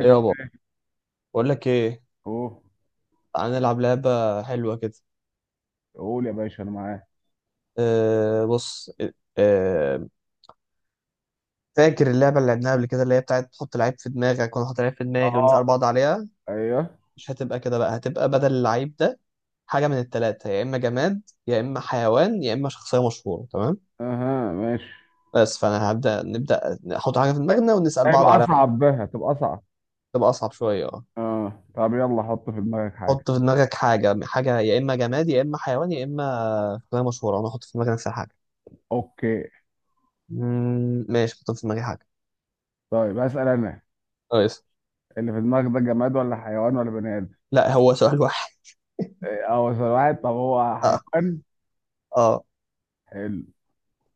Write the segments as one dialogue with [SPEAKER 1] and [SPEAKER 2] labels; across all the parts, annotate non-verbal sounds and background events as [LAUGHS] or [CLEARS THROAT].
[SPEAKER 1] ايه
[SPEAKER 2] عامل
[SPEAKER 1] يابا.
[SPEAKER 2] ايه؟
[SPEAKER 1] بقول لك ايه.
[SPEAKER 2] اوه.
[SPEAKER 1] تعال نلعب لعبه حلوه كده.
[SPEAKER 2] قول يا باشا انا معاك.
[SPEAKER 1] بص. أه فاكر اللعبه اللي لعبناها قبل كده، اللي هي بتاعت تحط لعيب في دماغك وانا احط لعيب في دماغي ونسال
[SPEAKER 2] اه.
[SPEAKER 1] بعض عليها؟
[SPEAKER 2] ايوه.
[SPEAKER 1] مش هتبقى كده بقى، هتبقى بدل اللعيب ده حاجه من الثلاثه: يا اما جماد يا اما حيوان يا اما شخصيه مشهوره. تمام؟
[SPEAKER 2] اها، ماشي.
[SPEAKER 1] بس فانا هبدا نبدا نحط حاجه في دماغنا ونسال بعض
[SPEAKER 2] هيبقى
[SPEAKER 1] عليها.
[SPEAKER 2] اصعب بقى، هتبقى اصعب.
[SPEAKER 1] تبقى اصعب شويه، اه.
[SPEAKER 2] اه، طب يلا حط في دماغك حاجه.
[SPEAKER 1] حط في دماغك حاجه، حاجه يا اما جماد يا اما حيوان يا اما شخصيه مشهوره، انا احط في دماغي نفس الحاجه.
[SPEAKER 2] اوكي.
[SPEAKER 1] ماشي، حط في دماغي حاجه.
[SPEAKER 2] طيب هسأل انا.
[SPEAKER 1] كويس.
[SPEAKER 2] اللي في دماغك ده جماد ولا حيوان ولا بني ادم؟
[SPEAKER 1] لا، هو سؤال واحد.
[SPEAKER 2] إيه، اه، سؤال واحد، طب هو
[SPEAKER 1] اه.
[SPEAKER 2] حيوان؟
[SPEAKER 1] اه.
[SPEAKER 2] حلو.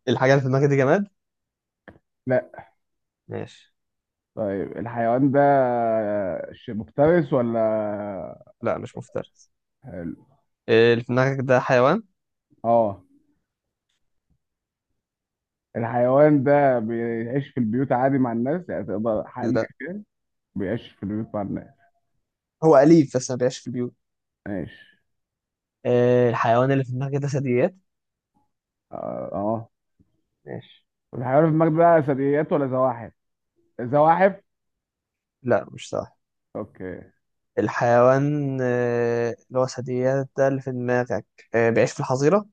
[SPEAKER 1] الحاجة اللي في دماغك دي جماد؟
[SPEAKER 2] لا.
[SPEAKER 1] ماشي.
[SPEAKER 2] طيب الحيوان ده مفترس ولا؟
[SPEAKER 1] لا، مش مفترس.
[SPEAKER 2] حلو.
[SPEAKER 1] اللي في دماغك ده حيوان.
[SPEAKER 2] اه، الحيوان ده بيعيش في البيوت عادي مع الناس، يعني تقدر حقلي
[SPEAKER 1] لا،
[SPEAKER 2] بيعيش في البيوت مع الناس.
[SPEAKER 1] هو أليف بس ما بيعيش في البيوت.
[SPEAKER 2] ماشي.
[SPEAKER 1] الحيوان اللي في دماغك ده ثدييات؟
[SPEAKER 2] اه، آه.
[SPEAKER 1] ماشي.
[SPEAKER 2] الحيوان في المجد ده ثدييات ولا زواحف؟ زواحف؟
[SPEAKER 1] لا، مش صح.
[SPEAKER 2] اوكي.
[SPEAKER 1] الحيوان اللي هو ثدييات ده اللي في دماغك، بيعيش في الحظيرة؟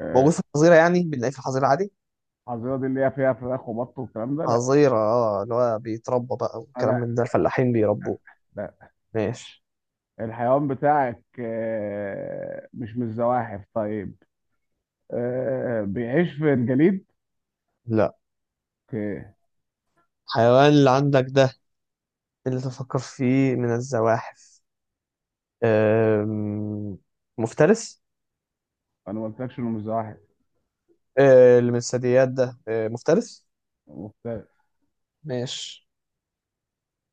[SPEAKER 2] آه،
[SPEAKER 1] موجود في الحظيرة يعني، بنلاقيه في الحظيرة عادي.
[SPEAKER 2] الحظيرة دي اللي هي فيها فراخ وبط والكلام ده؟ لا.
[SPEAKER 1] حظيرة اه، اللي هو بيتربى بقى والكلام
[SPEAKER 2] لا،
[SPEAKER 1] من ده، الفلاحين بيربوه.
[SPEAKER 2] لا.
[SPEAKER 1] ماشي.
[SPEAKER 2] الحيوان بتاعك مش من الزواحف، طيب. بيعيش في الجليد؟
[SPEAKER 1] لا.
[SPEAKER 2] اوكي.
[SPEAKER 1] الحيوان اللي عندك ده، اللي تفكر فيه من الزواحف، آم، مفترس.
[SPEAKER 2] انا ما قلتلكش انه مش زواحف.
[SPEAKER 1] اللي من الثدييات ده مفترس.
[SPEAKER 2] مختلف.
[SPEAKER 1] ماشي.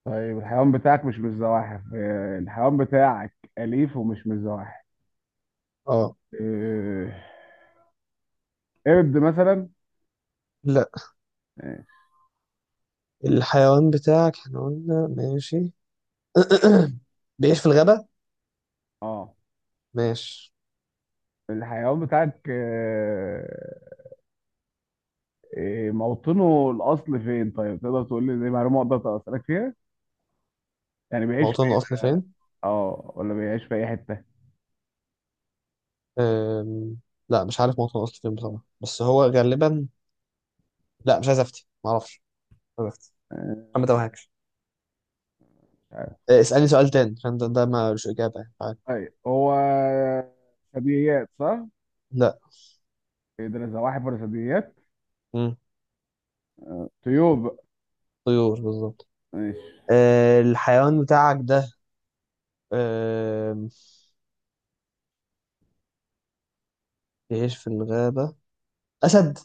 [SPEAKER 2] طيب الحيوان بتاعك مش من الزواحف. الحيوان بتاعك أليف ومش من الزواحف.
[SPEAKER 1] اه.
[SPEAKER 2] آه، قرد مثلا؟
[SPEAKER 1] لا. الحيوان بتاعك احنا قلنا ماشي. [CLEARS THROAT] بيعيش في الغابة.
[SPEAKER 2] اه.
[SPEAKER 1] ماشي.
[SPEAKER 2] الحيوان بتاعك إيه موطنه الاصل فين؟ طيب تقدر تقول لي زي معلومه اقدر اسالك فيها؟ يعني بيعيش
[SPEAKER 1] موطن
[SPEAKER 2] في.
[SPEAKER 1] الأصل فين؟
[SPEAKER 2] اه ولا بيعيش في اي حته؟
[SPEAKER 1] أم... لا مش عارف موطن الأصل فين بصراحة، بس هو غالبا. لا، مش عايز أفتي، معرفش. مش عايز أفتي.
[SPEAKER 2] آه،
[SPEAKER 1] أنا ما توهكش.
[SPEAKER 2] مش عارف.
[SPEAKER 1] اسألني سؤال تاني، عشان ده ملوش إجابة يعني، عارف.
[SPEAKER 2] طيب هو ثدييات صح؟
[SPEAKER 1] لا.
[SPEAKER 2] يقدر زواحف ولا ثدييات؟
[SPEAKER 1] مم.
[SPEAKER 2] طيور بقى.
[SPEAKER 1] طيور، بالظبط.
[SPEAKER 2] ماشي.
[SPEAKER 1] الحيوان بتاعك ده، أم، بيعيش في الغابة. أسد.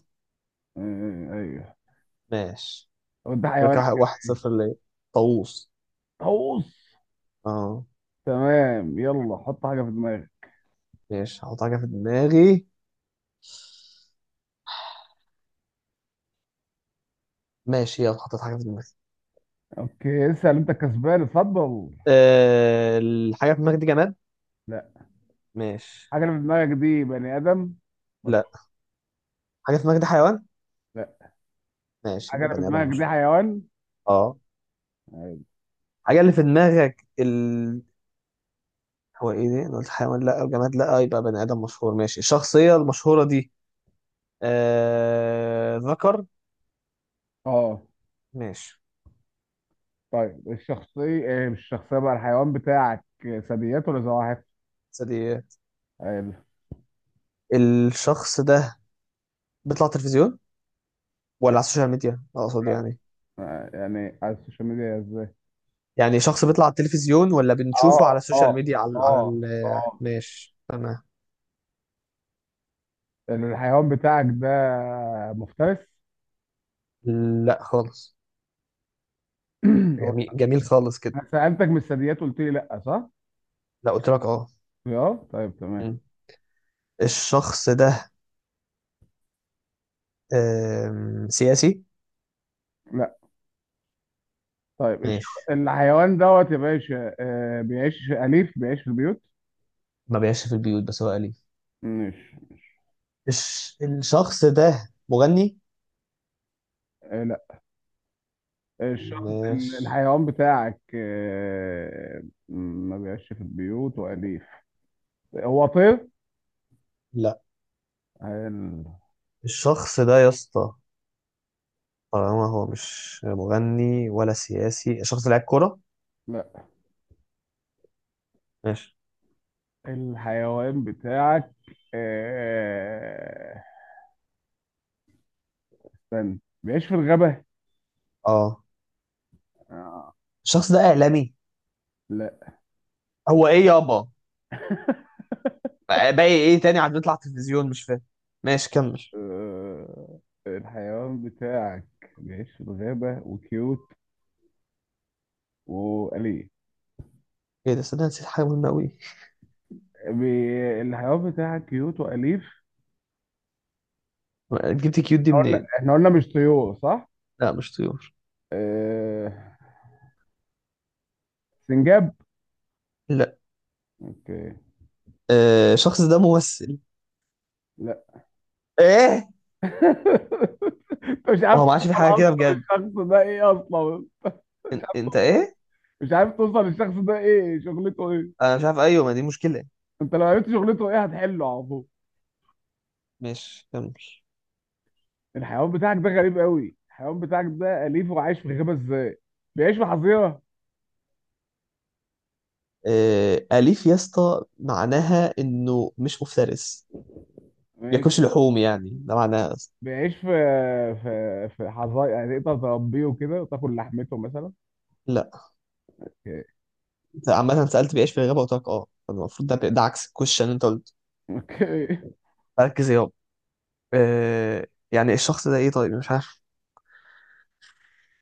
[SPEAKER 2] ايوه.
[SPEAKER 1] ماشي.
[SPEAKER 2] طب ده
[SPEAKER 1] يبقى
[SPEAKER 2] حيوان.
[SPEAKER 1] كده واحد صفر ليا. طاووس.
[SPEAKER 2] طاووس.
[SPEAKER 1] اه.
[SPEAKER 2] تمام، يلا حط حاجه في دماغك.
[SPEAKER 1] ماشي، هحط حاجة في دماغي. ماشي، يلا حطيت حاجة في دماغي.
[SPEAKER 2] اوكي، اسال انت كسبان، اتفضل.
[SPEAKER 1] أه، الحاجة في دماغي دي جماد؟
[SPEAKER 2] لا.
[SPEAKER 1] ماشي.
[SPEAKER 2] حاجه اللي في دماغك دي بني ادم؟ مش
[SPEAKER 1] لا. حاجة في دماغي دي حيوان؟
[SPEAKER 2] لا.
[SPEAKER 1] ماشي،
[SPEAKER 2] حاجه
[SPEAKER 1] يبقى
[SPEAKER 2] اللي في
[SPEAKER 1] بني آدم
[SPEAKER 2] دماغك دي
[SPEAKER 1] مش.
[SPEAKER 2] حيوان؟
[SPEAKER 1] اه.
[SPEAKER 2] أيوة.
[SPEAKER 1] الحاجة اللي في دماغك ال... هو ايه ده؟ انا قلت حيوان لا، الجماد لا، يبقى بني آدم مشهور. ماشي، الشخصية المشهورة دي ذكر؟
[SPEAKER 2] اه،
[SPEAKER 1] ماشي.
[SPEAKER 2] طيب الشخصية مش الشخصية بقى، الحيوان بتاعك ثدييات ولا زواحف؟
[SPEAKER 1] بس دي،
[SPEAKER 2] آه،
[SPEAKER 1] الشخص ده بيطلع تلفزيون، ولا على السوشيال ميديا اقصد، يعني؟
[SPEAKER 2] يعني على السوشيال ميديا ازاي؟
[SPEAKER 1] يعني شخص بيطلع على التلفزيون، ولا بنشوفه
[SPEAKER 2] اه،
[SPEAKER 1] على
[SPEAKER 2] اه،
[SPEAKER 1] السوشيال ميديا على
[SPEAKER 2] اه، اه.
[SPEAKER 1] ماشي تمام.
[SPEAKER 2] الحيوان بتاعك ده مفترس؟
[SPEAKER 1] لا خالص.
[SPEAKER 2] [CLEARS THROAT] هو
[SPEAKER 1] جميل جميل خالص كده.
[SPEAKER 2] انا سألتك من الثدييات قلت لي لا صح؟
[SPEAKER 1] لا، قلت لك اه.
[SPEAKER 2] اه، طيب تمام.
[SPEAKER 1] مم. الشخص ده سياسي؟
[SPEAKER 2] لا. طيب
[SPEAKER 1] ماشي.
[SPEAKER 2] الحيوان دوت يا باشا، بيعيش أليف، بيعيش في البيوت؟
[SPEAKER 1] ما بيعيش في البيوت، بس هو أليف.
[SPEAKER 2] مش
[SPEAKER 1] الشخص ده مغني؟
[SPEAKER 2] لا. الشخص
[SPEAKER 1] ماشي.
[SPEAKER 2] الحيوان بتاعك ما بيعيش في البيوت وأليف. هو طير؟
[SPEAKER 1] لا.
[SPEAKER 2] ال...
[SPEAKER 1] الشخص ده يا اسطى، طالما هو مش مغني ولا سياسي، الشخص ده لعيب كورة؟
[SPEAKER 2] لا.
[SPEAKER 1] ماشي.
[SPEAKER 2] الحيوان بتاعك آه، استنى، بيعيش في الغابة.
[SPEAKER 1] اه.
[SPEAKER 2] آه،
[SPEAKER 1] الشخص ده إعلامي؟
[SPEAKER 2] لا.
[SPEAKER 1] هو ايه يابا؟ باقي ايه تاني؟ عم بيطلع تلفزيون، مش فاهم. ماشي كمل.
[SPEAKER 2] آه، الحيوان بتاعك بيعيش في الغابة وكيوت وأليف.
[SPEAKER 1] ايه ده، صدق نسيت حاجه مهمه قوي.
[SPEAKER 2] الحيوان بتاعك كيوت وأليف.
[SPEAKER 1] جبت كيوت دي
[SPEAKER 2] قلنا،
[SPEAKER 1] منين؟
[SPEAKER 2] احنا قلنا مش طيور صح؟
[SPEAKER 1] لا مش طيور.
[SPEAKER 2] آه، سنجاب.
[SPEAKER 1] لا.
[SPEAKER 2] اوكي.
[SPEAKER 1] الشخص ده ممثل؟
[SPEAKER 2] لا.
[SPEAKER 1] ايه؟
[SPEAKER 2] [LAUGHS] انت مش
[SPEAKER 1] ما
[SPEAKER 2] عارف
[SPEAKER 1] هو ما عادش
[SPEAKER 2] توصل
[SPEAKER 1] في حاجه كده
[SPEAKER 2] اصلا
[SPEAKER 1] بجد.
[SPEAKER 2] الشخص ده ايه اصلا. مش
[SPEAKER 1] انت ايه؟
[SPEAKER 2] مش عارف توصل للشخص ده ايه، شغلته ايه.
[SPEAKER 1] انا مش عارف، ايوه، ما دي مشكله.
[SPEAKER 2] انت لو عرفت شغلته ايه هتحله على طول.
[SPEAKER 1] ماشي كمل.
[SPEAKER 2] الحيوان بتاعك ده غريب قوي. الحيوان بتاعك ده اليف وعايش في غابه ازاي؟ بيعيش في حظيره؟
[SPEAKER 1] آه، اليف يا اسطى معناها انه مش مفترس،
[SPEAKER 2] ماشي.
[SPEAKER 1] بياكلش لحوم يعني، ده معناها أصلاً.
[SPEAKER 2] بيعيش في حظايا، يعني تقدر تربيه وكده وتاكل لحمته مثلا؟
[SPEAKER 1] لا.
[SPEAKER 2] اوكي.
[SPEAKER 1] انت عامه سالت بيعيش في الغابه وقلت لك اه، فالمفروض ده عكس الكوشن اللي انت قلت.
[SPEAKER 2] اوكي. [LAUGHS]
[SPEAKER 1] ركز يابا. آه، يعني الشخص ده ايه طيب، مش عارف.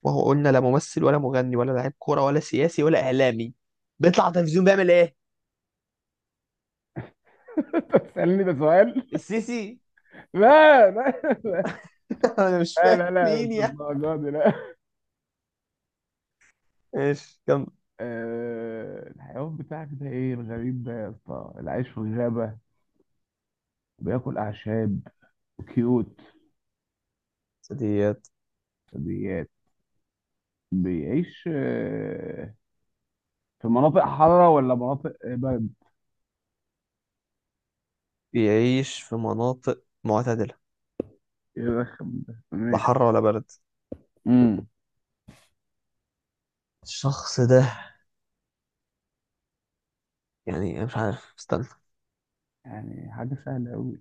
[SPEAKER 1] وهو قلنا لا ممثل ولا مغني ولا لاعب كوره ولا سياسي ولا اعلامي، بيطلع على التلفزيون بيعمل ايه؟
[SPEAKER 2] انت بتسالني ده سؤال؟
[SPEAKER 1] السيسي؟
[SPEAKER 2] لا، لا،
[SPEAKER 1] [LAUGHS] انا مش
[SPEAKER 2] لا،
[SPEAKER 1] فاهم
[SPEAKER 2] لا، لا،
[SPEAKER 1] مين
[SPEAKER 2] مش
[SPEAKER 1] يعني.
[SPEAKER 2] الدرجه دي، لا.
[SPEAKER 1] ايش كم
[SPEAKER 2] الحيوان بتاعك ده ايه الغريب ده يا اسطى اللي عايش في الغابه، بياكل اعشاب، كيوت،
[SPEAKER 1] ديت.
[SPEAKER 2] بيعيش في مناطق حارة ولا مناطق برد؟
[SPEAKER 1] بيعيش في مناطق معتدله،
[SPEAKER 2] يرخم ده،
[SPEAKER 1] لا حر
[SPEAKER 2] ماشي.
[SPEAKER 1] ولا برد.
[SPEAKER 2] امم
[SPEAKER 1] الشخص ده يعني مش عارف، استنى.
[SPEAKER 2] يعني حاجة سهلة أوي.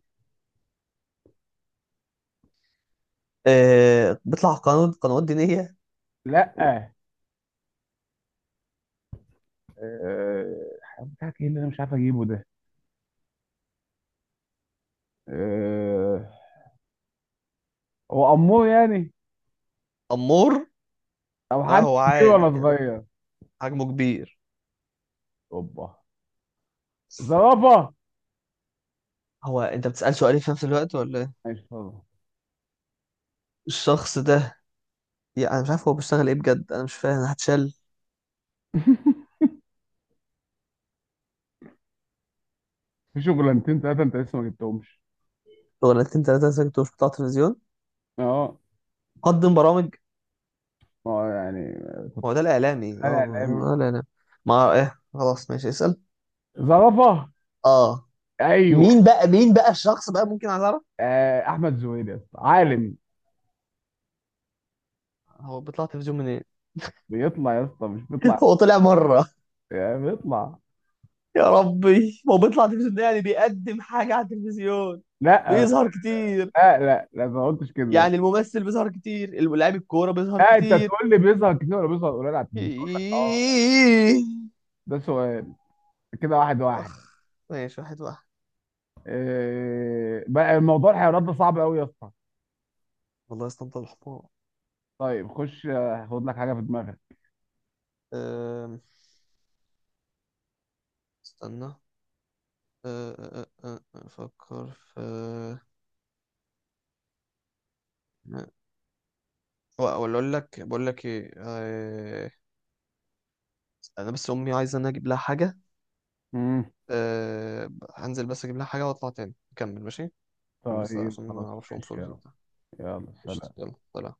[SPEAKER 1] آه، بيطلع قنوات، قنوات دينيه؟
[SPEAKER 2] لأ. الحيوان بتاعك إيه اللي أنا مش عارف أجيبه ده؟ آه، هو أمور يعني؟
[SPEAKER 1] امور.
[SPEAKER 2] أو
[SPEAKER 1] لا،
[SPEAKER 2] حد
[SPEAKER 1] هو
[SPEAKER 2] كبير
[SPEAKER 1] عادي،
[SPEAKER 2] ولا صغير؟
[SPEAKER 1] حجمه كبير.
[SPEAKER 2] أوبا. زرافة.
[SPEAKER 1] هو انت بتسأل سؤالين في نفس الوقت ولا ايه؟
[SPEAKER 2] ماشي طبعا.
[SPEAKER 1] الشخص ده يعني انا مش عارف هو بيشتغل ايه بجد، انا مش فاهم، هتشال.
[SPEAKER 2] [LAUGHS] في شغلانتين تلاتة أنت لسه ما جبتهمش.
[SPEAKER 1] شغلانتين تلاتة ساكت ومش بتاع تلفزيون.
[SPEAKER 2] أه.
[SPEAKER 1] قدم برامج.
[SPEAKER 2] أه يعني.
[SPEAKER 1] هو ده الإعلامي،
[SPEAKER 2] أنا
[SPEAKER 1] اه
[SPEAKER 2] إعلامي.
[SPEAKER 1] الإعلامي. ما ايه، خلاص ماشي اسأل.
[SPEAKER 2] زرافة.
[SPEAKER 1] اه.
[SPEAKER 2] أيوه.
[SPEAKER 1] مين بقى، مين بقى الشخص بقى، ممكن عايز اعرف.
[SPEAKER 2] أحمد زويل يا اسطى، عالم.
[SPEAKER 1] هو بيطلع تلفزيون منين؟
[SPEAKER 2] بيطلع يا اسطى، مش
[SPEAKER 1] [LAUGHS]
[SPEAKER 2] بيطلع.
[SPEAKER 1] هو طلع مرة.
[SPEAKER 2] يعني اطلع.
[SPEAKER 1] يا ربي، هو بيطلع تلفزيون ده يعني بيقدم حاجة على التلفزيون،
[SPEAKER 2] لا،
[SPEAKER 1] بيظهر كتير.
[SPEAKER 2] لا، لا، لا، ما قلتش كده، لا.
[SPEAKER 1] يعني الممثل بيظهر كتير، اللاعب الكورة بيظهر
[SPEAKER 2] انت
[SPEAKER 1] كتير.
[SPEAKER 2] تقول لي بيظهر كتير ولا بيظهر قليل على
[SPEAKER 1] [LAUGHS]
[SPEAKER 2] التلفزيون، اقول لك اه.
[SPEAKER 1] إيه.
[SPEAKER 2] ده سؤال. كده واحد واحد.
[SPEAKER 1] اخ. ماشي، واحد واحد.
[SPEAKER 2] إيه بقى الموضوع الحيوانات ده صعب قوي يا اسطى.
[SPEAKER 1] والله استنطع الحمار.
[SPEAKER 2] طيب خش آه، خد لك حاجه في دماغك.
[SPEAKER 1] أم، استنى. أه، أه، أه، أه، افكر في ولا اقول لك، بقول لك ايه آه، انا بس امي عايزه انا اجيب لها حاجه.
[SPEAKER 2] مم.
[SPEAKER 1] أه... هنزل بس اجيب لها حاجه واطلع تاني نكمل، ماشي؟
[SPEAKER 2] طيب
[SPEAKER 1] عشان ما
[SPEAKER 2] خلاص
[SPEAKER 1] اعرفش اقوم
[SPEAKER 2] ماشي،
[SPEAKER 1] فلوس
[SPEAKER 2] يلا.
[SPEAKER 1] وبتاع.
[SPEAKER 2] يلا
[SPEAKER 1] قشطة،
[SPEAKER 2] سلام.
[SPEAKER 1] يلا سلام.